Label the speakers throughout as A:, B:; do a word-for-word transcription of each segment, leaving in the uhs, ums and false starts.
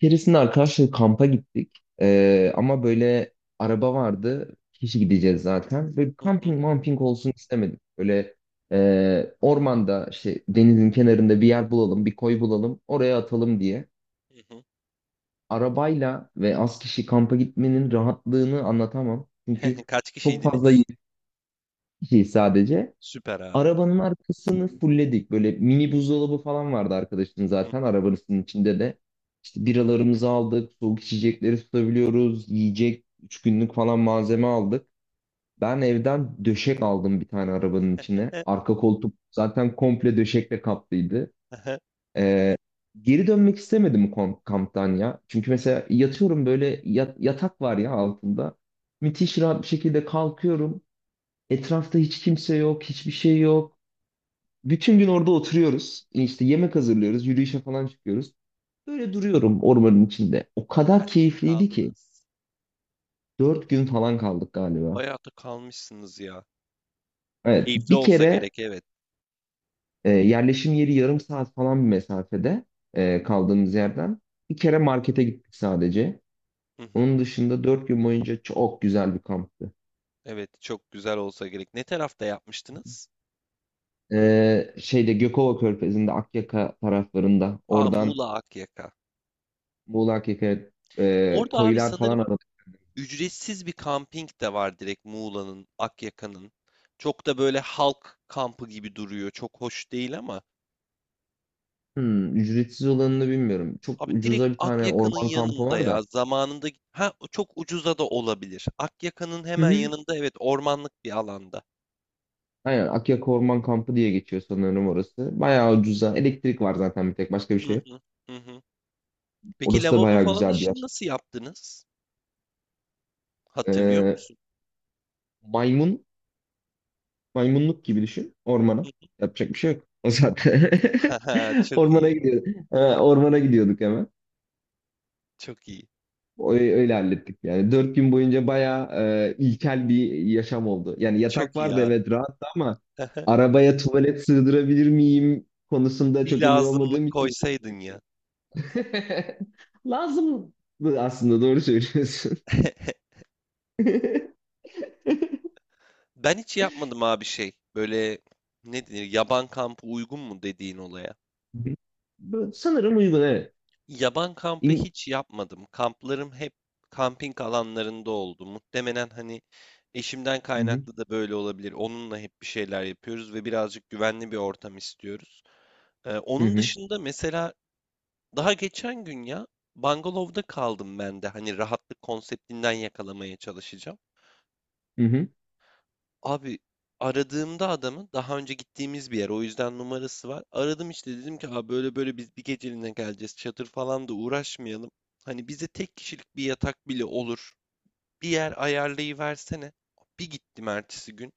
A: Keresinde arkadaşlar kampa gittik. Ee, ama böyle araba vardı. Kişi gideceğiz zaten. Böyle
B: Hı hı.
A: kamping mamping olsun istemedik. Böyle e, ormanda işte denizin kenarında bir yer bulalım, bir koy bulalım. Oraya atalım diye.
B: Hı hı.
A: Arabayla ve az kişi kampa gitmenin rahatlığını anlatamam. Çünkü
B: Kaç
A: çok fazla
B: kişiydiniz?
A: kişi sadece.
B: Süper abi.
A: Arabanın arkasını fulledik. Böyle mini buzdolabı falan vardı arkadaşın
B: Hı
A: zaten arabasının içinde de. İşte biralarımızı aldık, soğuk içecekleri tutabiliyoruz, yiyecek, üç günlük falan malzeme aldık. Ben evden döşek aldım bir tane arabanın içine. Arka koltuk zaten komple döşekle kaplıydı. Ee, Geri dönmek istemedim kom- kamptan ya. Çünkü mesela yatıyorum böyle yat- yatak var ya altında. Müthiş rahat bir şekilde kalkıyorum. Etrafta hiç kimse yok, hiçbir şey yok. Bütün gün orada oturuyoruz. İşte yemek hazırlıyoruz. Yürüyüşe falan çıkıyoruz. Böyle duruyorum ormanın içinde. O kadar
B: Kaç gün
A: keyifliydi ki.
B: kaldınız?
A: Dört gün falan kaldık
B: O
A: galiba.
B: bayağı da kalmışsınız ya.
A: Evet.
B: Keyifli
A: Bir
B: olsa
A: kere
B: gerek, evet.
A: e, yerleşim yeri yarım saat falan bir mesafede e, kaldığımız yerden. Bir kere markete gittik sadece.
B: Hı hı.
A: Onun dışında dört gün boyunca çok güzel bir kamptı.
B: Evet, çok güzel olsa gerek. Ne tarafta yapmıştınız?
A: E, şeyde Gökova Körfezi'nde, Akyaka taraflarında.
B: Aa,
A: Oradan
B: Muğla Akyaka.
A: Muğla Akyaka'ya e,
B: Orada abi,
A: koylar falan.
B: sanırım ücretsiz bir kamping de var direkt Muğla'nın, Akyaka'nın. Çok da böyle halk kampı gibi duruyor. Çok hoş değil ama.
A: Hmm, ücretsiz olanını bilmiyorum. Çok
B: Abi, direkt
A: ucuza bir tane
B: Akyaka'nın
A: orman kampı
B: yanında
A: var
B: ya,
A: da.
B: zamanında git ha, çok ucuza da olabilir. Akyaka'nın
A: Hı
B: hemen
A: hı.
B: yanında, evet, ormanlık bir alanda.
A: Aynen Akyaka Orman Kampı diye geçiyor sanırım orası. Bayağı ucuza. Elektrik var zaten, bir tek başka bir
B: Hı
A: şey yok.
B: hı, hı hı. Peki
A: Orası da
B: lavabo
A: bayağı
B: falan
A: güzel bir
B: işini
A: yer.
B: nasıl yaptınız? Hatırlıyor
A: Ee,
B: musun?
A: maymun, Maymunluk gibi düşün ormana. Yapacak bir şey yok. O zaten.
B: Haha, çok
A: Ormana
B: iyi.
A: gidiyor. Ee, ormana gidiyorduk hemen.
B: Çok iyi.
A: O- Öyle hallettik yani. Dört gün boyunca bayağı e, ilkel bir yaşam oldu. Yani yatak
B: Çok iyi
A: vardı,
B: abi.
A: evet, rahattı ama arabaya tuvalet sığdırabilir miyim konusunda
B: Bir
A: çok emin olmadığım
B: lazımlık
A: için.
B: koysaydın ya.
A: Lazım aslında, doğru söylüyorsun.
B: Ben hiç yapmadım abi şey. Böyle ne denir? Yaban kampı uygun mu dediğin olaya?
A: Bu- bu sanırım uygun, evet.
B: Yaban kampı
A: İn-
B: hiç yapmadım. Kamplarım hep kamping alanlarında oldu. Muhtemelen hani eşimden
A: Hı hı,
B: kaynaklı da böyle olabilir. Onunla hep bir şeyler yapıyoruz ve birazcık güvenli bir ortam istiyoruz. Ee, onun
A: hı
B: dışında mesela daha geçen gün ya, bungalovda kaldım ben de. Hani rahatlık konseptinden yakalamaya çalışacağım.
A: hı, hı,
B: Abi, aradığımda adamın daha önce gittiğimiz bir yer, o yüzden numarası var. Aradım işte, dedim ki abi böyle böyle biz bir geceliğine geleceğiz, çadır falan da uğraşmayalım. Hani bize tek kişilik bir yatak bile olur. Bir yer ayarlayıversene. Bir gittim ertesi gün.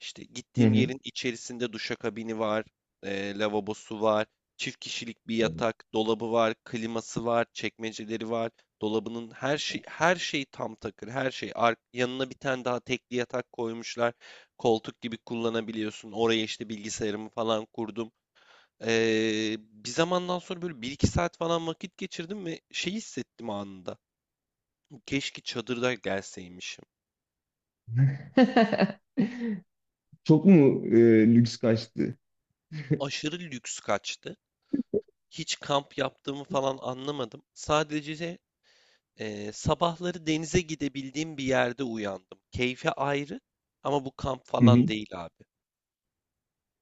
B: İşte
A: hı
B: gittiğim
A: hı.
B: yerin içerisinde duşakabini var, e, lavabosu var, çift kişilik bir yatak, dolabı var, kliması var, çekmeceleri var. Dolabının her şey, her şey tam takır, her şey. Ar- yanına bir tane daha tekli yatak koymuşlar. Koltuk gibi kullanabiliyorsun. Oraya işte bilgisayarımı falan kurdum. Ee, bir zamandan sonra böyle bir iki saat falan vakit geçirdim ve şey hissettim anında. Keşke çadırda gelseymişim.
A: Çok mu e, lüks kaçtı?
B: Aşırı lüks kaçtı. Hiç kamp yaptığımı falan anlamadım. Sadece eee, sabahları denize gidebildiğim bir yerde uyandım. Keyfi ayrı ama bu kamp falan değil abi.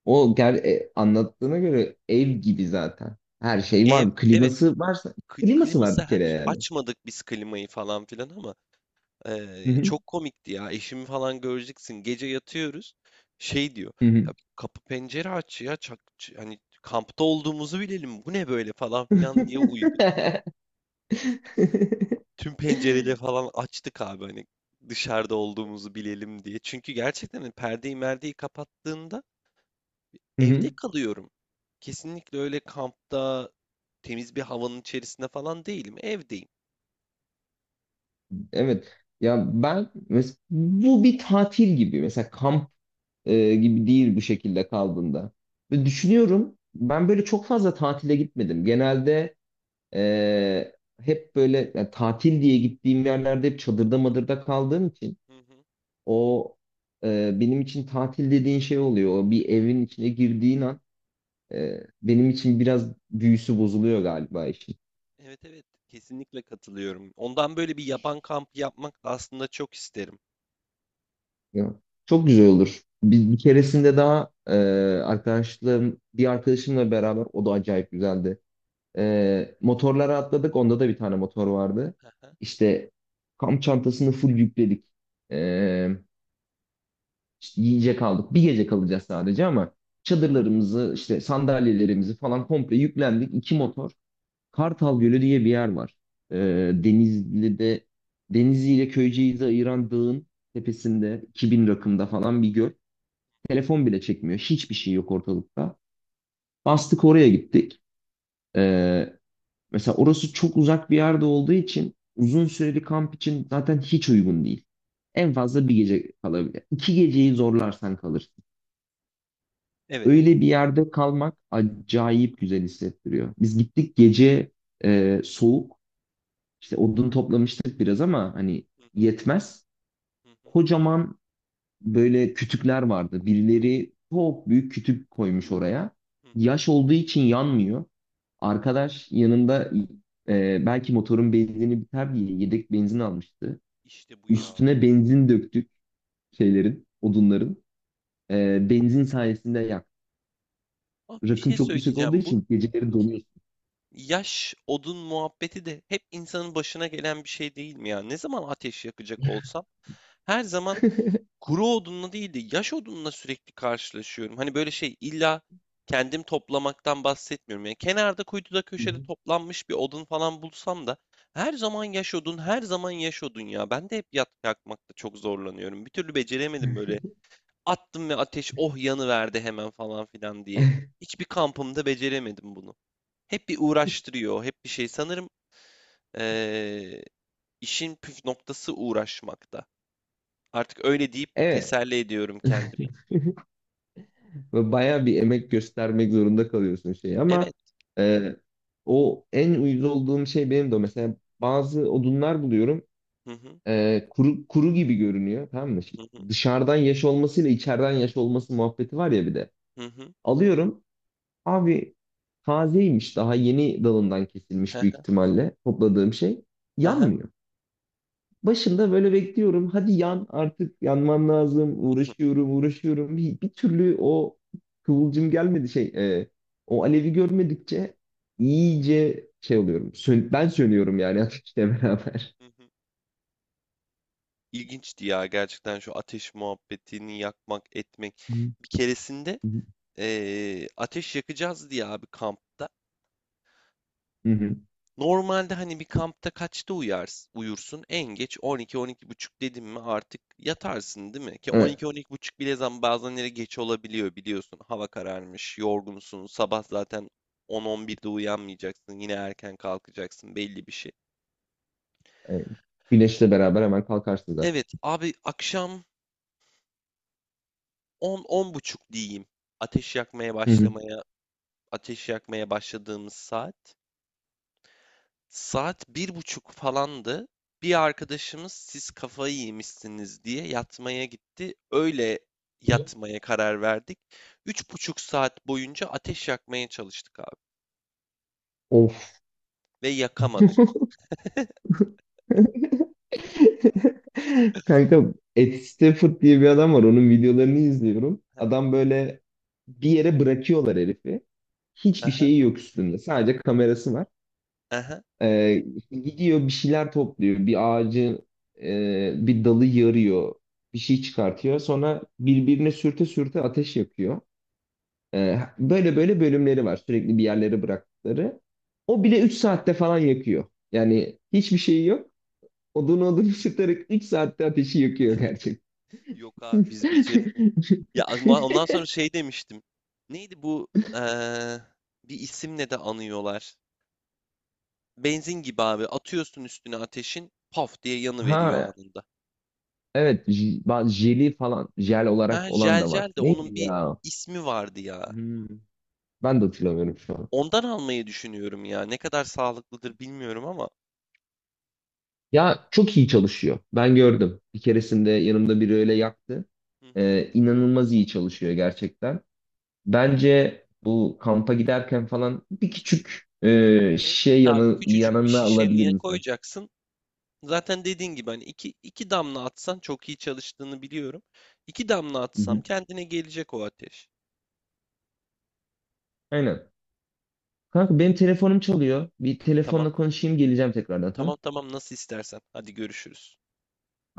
A: O ger e, anlattığına göre ev gibi zaten. Her şey
B: Ev,
A: var.
B: evet,
A: Kliması varsa,
B: kli-
A: kliması var
B: kliması,
A: bir
B: her
A: kere
B: şey-
A: yani.
B: açmadık biz klimayı falan filan ama
A: Hı
B: eee,
A: hı.
B: çok komikti ya. Eşimi falan göreceksin. Gece yatıyoruz. Şey diyor.
A: Hı hı.
B: Ya kapı pencere aç ya. Çak, ç- hani kampta olduğumuzu bilelim. Bu ne böyle falan filan diye uyudu. Tüm pencereleri falan açtık abi, hani dışarıda olduğumuzu bilelim diye. Çünkü gerçekten hani perdeyi merdeyi kapattığında
A: Hı
B: evde
A: hı.
B: kalıyorum. Kesinlikle öyle kampta temiz bir havanın içerisinde falan değilim. Evdeyim.
A: Evet. Ya ben mes- bu bir tatil gibi. Mesela kamp e, gibi değil bu şekilde kaldığında. Ve düşünüyorum, ben böyle çok fazla tatile gitmedim. Genelde e, hep böyle, yani tatil diye gittiğim yerlerde hep çadırda
B: Hı
A: madırda kaldığım için
B: hı, hı hı.
A: O e, benim için tatil dediğin şey oluyor. O, bir evin içine girdiğin an e, benim için biraz büyüsü bozuluyor galiba işin.
B: Evet, evet, kesinlikle katılıyorum. Ondan böyle bir yaban kampı yapmak da aslında çok isterim.
A: Ya, çok güzel olur. Bir, bir keresinde daha e, arkadaşlarım, bir arkadaşımla beraber, o da acayip güzeldi. E, motorlara atladık. Onda da bir tane motor vardı.
B: Hı hı.
A: İşte kamp çantasını full yükledik. E, işte yiyecek aldık. Bir gece kalacağız sadece ama
B: Tamam.
A: çadırlarımızı, işte sandalyelerimizi falan komple yüklendik. İki motor. Kartal Gölü diye bir yer var. Ee, Denizli'de, Denizli ile Köyceğiz'i ayıran dağın tepesinde iki bin rakımda falan bir göl.
B: Hı, hı.
A: Telefon bile çekmiyor. Hiçbir şey yok ortalıkta. Bastık, oraya gittik. Ee, Mesela orası çok uzak bir yerde olduğu için uzun süreli kamp için zaten hiç uygun değil. En fazla bir gece kalabilir. İki geceyi zorlarsan kalırsın.
B: Evet.
A: Öyle bir yerde kalmak acayip güzel hissettiriyor. Biz gittik, gece e, soğuk. İşte odun toplamıştık biraz ama hani
B: Hı hı,
A: yetmez.
B: hı hı,
A: Kocaman böyle kütükler vardı. Birileri çok büyük kütük koymuş oraya.
B: hı hı,
A: Yaş olduğu için yanmıyor.
B: hı.
A: Arkadaş yanında e, belki motorun benzini biter diye yedek benzin almıştı.
B: İşte bu ya.
A: Üstüne benzin döktük şeylerin, odunların. E, benzin sayesinde yak.
B: Abi, bir
A: Rakım
B: şey
A: çok yüksek olduğu
B: söyleyeceğim.
A: için geceleri donuyorsun.
B: Yaş odun muhabbeti de hep insanın başına gelen bir şey değil mi ya? Ne zaman ateş yakacak olsam her zaman kuru odunla değil de yaş odunla sürekli karşılaşıyorum. Hani böyle şey, illa kendim toplamaktan bahsetmiyorum. Yani kenarda, kuytuda,
A: Hı
B: köşede
A: hı.
B: toplanmış bir odun falan bulsam da her zaman yaş odun, her zaman yaş odun ya. Ben de hep yat yakmakta çok zorlanıyorum. Bir türlü beceremedim böyle. Attım ve ateş oh yanıverdi hemen falan filan diye. Hiçbir kampımda beceremedim bunu. Hep bir uğraştırıyor, hep bir şey. Sanırım eee, işin püf noktası uğraşmakta. Artık öyle deyip
A: Evet.
B: teselli ediyorum kendimi.
A: Ve bayağı bir emek göstermek zorunda kalıyorsun şey ama
B: Evet.
A: e, o en uyuz olduğum şey benim de o. Mesela bazı odunlar buluyorum
B: Hı hı,
A: e, kuru, kuru gibi görünüyor, tamam mı? Şey,
B: hı hı,
A: dışarıdan yaş olmasıyla içeriden yaş olması muhabbeti var ya bir de.
B: hı hı,
A: Alıyorum, abi, tazeymiş, daha yeni dalından kesilmiş büyük ihtimalle topladığım şey,
B: hı hı,
A: yanmıyor. Başında böyle bekliyorum. Hadi yan artık, yanman lazım.
B: hı hı.
A: Uğraşıyorum, uğraşıyorum. Bir, bir türlü o kıvılcım gelmedi şey. E, o alevi görmedikçe iyice şey oluyorum. Sön- ben sönüyorum yani ateşle beraber.
B: İlginçti ya gerçekten şu ateş muhabbetini yakmak etmek.
A: Hı
B: Bir keresinde
A: hı.
B: eee, ateş yakacağız diye abi kampta.
A: Hı hı.
B: Normalde hani bir kampta kaçta uyars uyursun? En geç on iki buçuk dedim mi artık yatarsın değil mi? Ki
A: Evet,
B: on iki buçuk bile zaman bazenleri geç olabiliyor biliyorsun. Hava kararmış, yorgunsun, sabah zaten on on birde uyanmayacaksın, yine erken kalkacaksın belli bir şey.
A: evet. Güneşle beraber hemen kalkarsın zaten.
B: Evet abi, akşam on buçuk diyeyim. Ateş yakmaya
A: Hı hı.
B: başlamaya, ateş yakmaya başladığımız saat. Saat bir buçuk falandı. Bir arkadaşımız siz kafayı yemişsiniz diye yatmaya gitti. Öyle yatmaya karar verdik. Üç buçuk saat boyunca ateş yakmaya çalıştık abi.
A: Of.
B: Ve yakamadık.
A: Kanka, Ed Stafford diye bir adam var. Onun videolarını izliyorum.
B: Aha,
A: Adam böyle bir yere bırakıyorlar herifi. Hiçbir
B: aha,
A: şeyi yok üstünde. Sadece kamerası var.
B: aha.
A: Ee, Gidiyor, bir şeyler topluyor. Bir ağacı, e, bir dalı yarıyor. Bir şey çıkartıyor. Sonra birbirine sürte sürte ateş yakıyor. Ee, böyle böyle bölümleri var. Sürekli bir yerlere bıraktıkları. O bile üç saatte falan yakıyor. Yani hiçbir şeyi yok. Odun odun ısıtarak üç saatte ateşi yakıyor gerçekten.
B: Yok abi, biz beceremedik. Ya ondan ondan sonra şey demiştim. Neydi bu? eee, Bir isimle de anıyorlar. Benzin gibi abi. Atıyorsun üstüne ateşin. Paf diye yanıveriyor
A: Ha,
B: anında.
A: evet, j- ba- jeli falan, jel
B: Ha
A: olarak olan
B: jel,
A: da
B: jel
A: var.
B: de onun
A: Neydi
B: bir
A: ya?
B: ismi vardı ya.
A: Hmm, ben de hatırlamıyorum şu an.
B: Ondan almayı düşünüyorum ya. Ne kadar sağlıklıdır bilmiyorum ama.
A: Ya çok iyi çalışıyor. Ben gördüm. Bir keresinde yanımda biri öyle yaktı.
B: Hı hı.
A: Ee, inanılmaz iyi çalışıyor gerçekten. Bence bu, kampa giderken falan bir küçük e,
B: Evet, evet
A: şey
B: abi,
A: yanı,
B: küçücük bir
A: yanına alabilir
B: şişeye
A: insan.
B: koyacaksın. Zaten dediğin gibi hani iki, iki damla atsan çok iyi çalıştığını biliyorum. İki damla
A: Hı
B: atsam
A: hı.
B: kendine gelecek o ateş.
A: Aynen. Kanka, benim telefonum çalıyor. Bir
B: Tamam.
A: telefonla konuşayım, geleceğim tekrardan, tamam.
B: Tamam, tamam, nasıl istersen. Hadi görüşürüz.
A: Bye.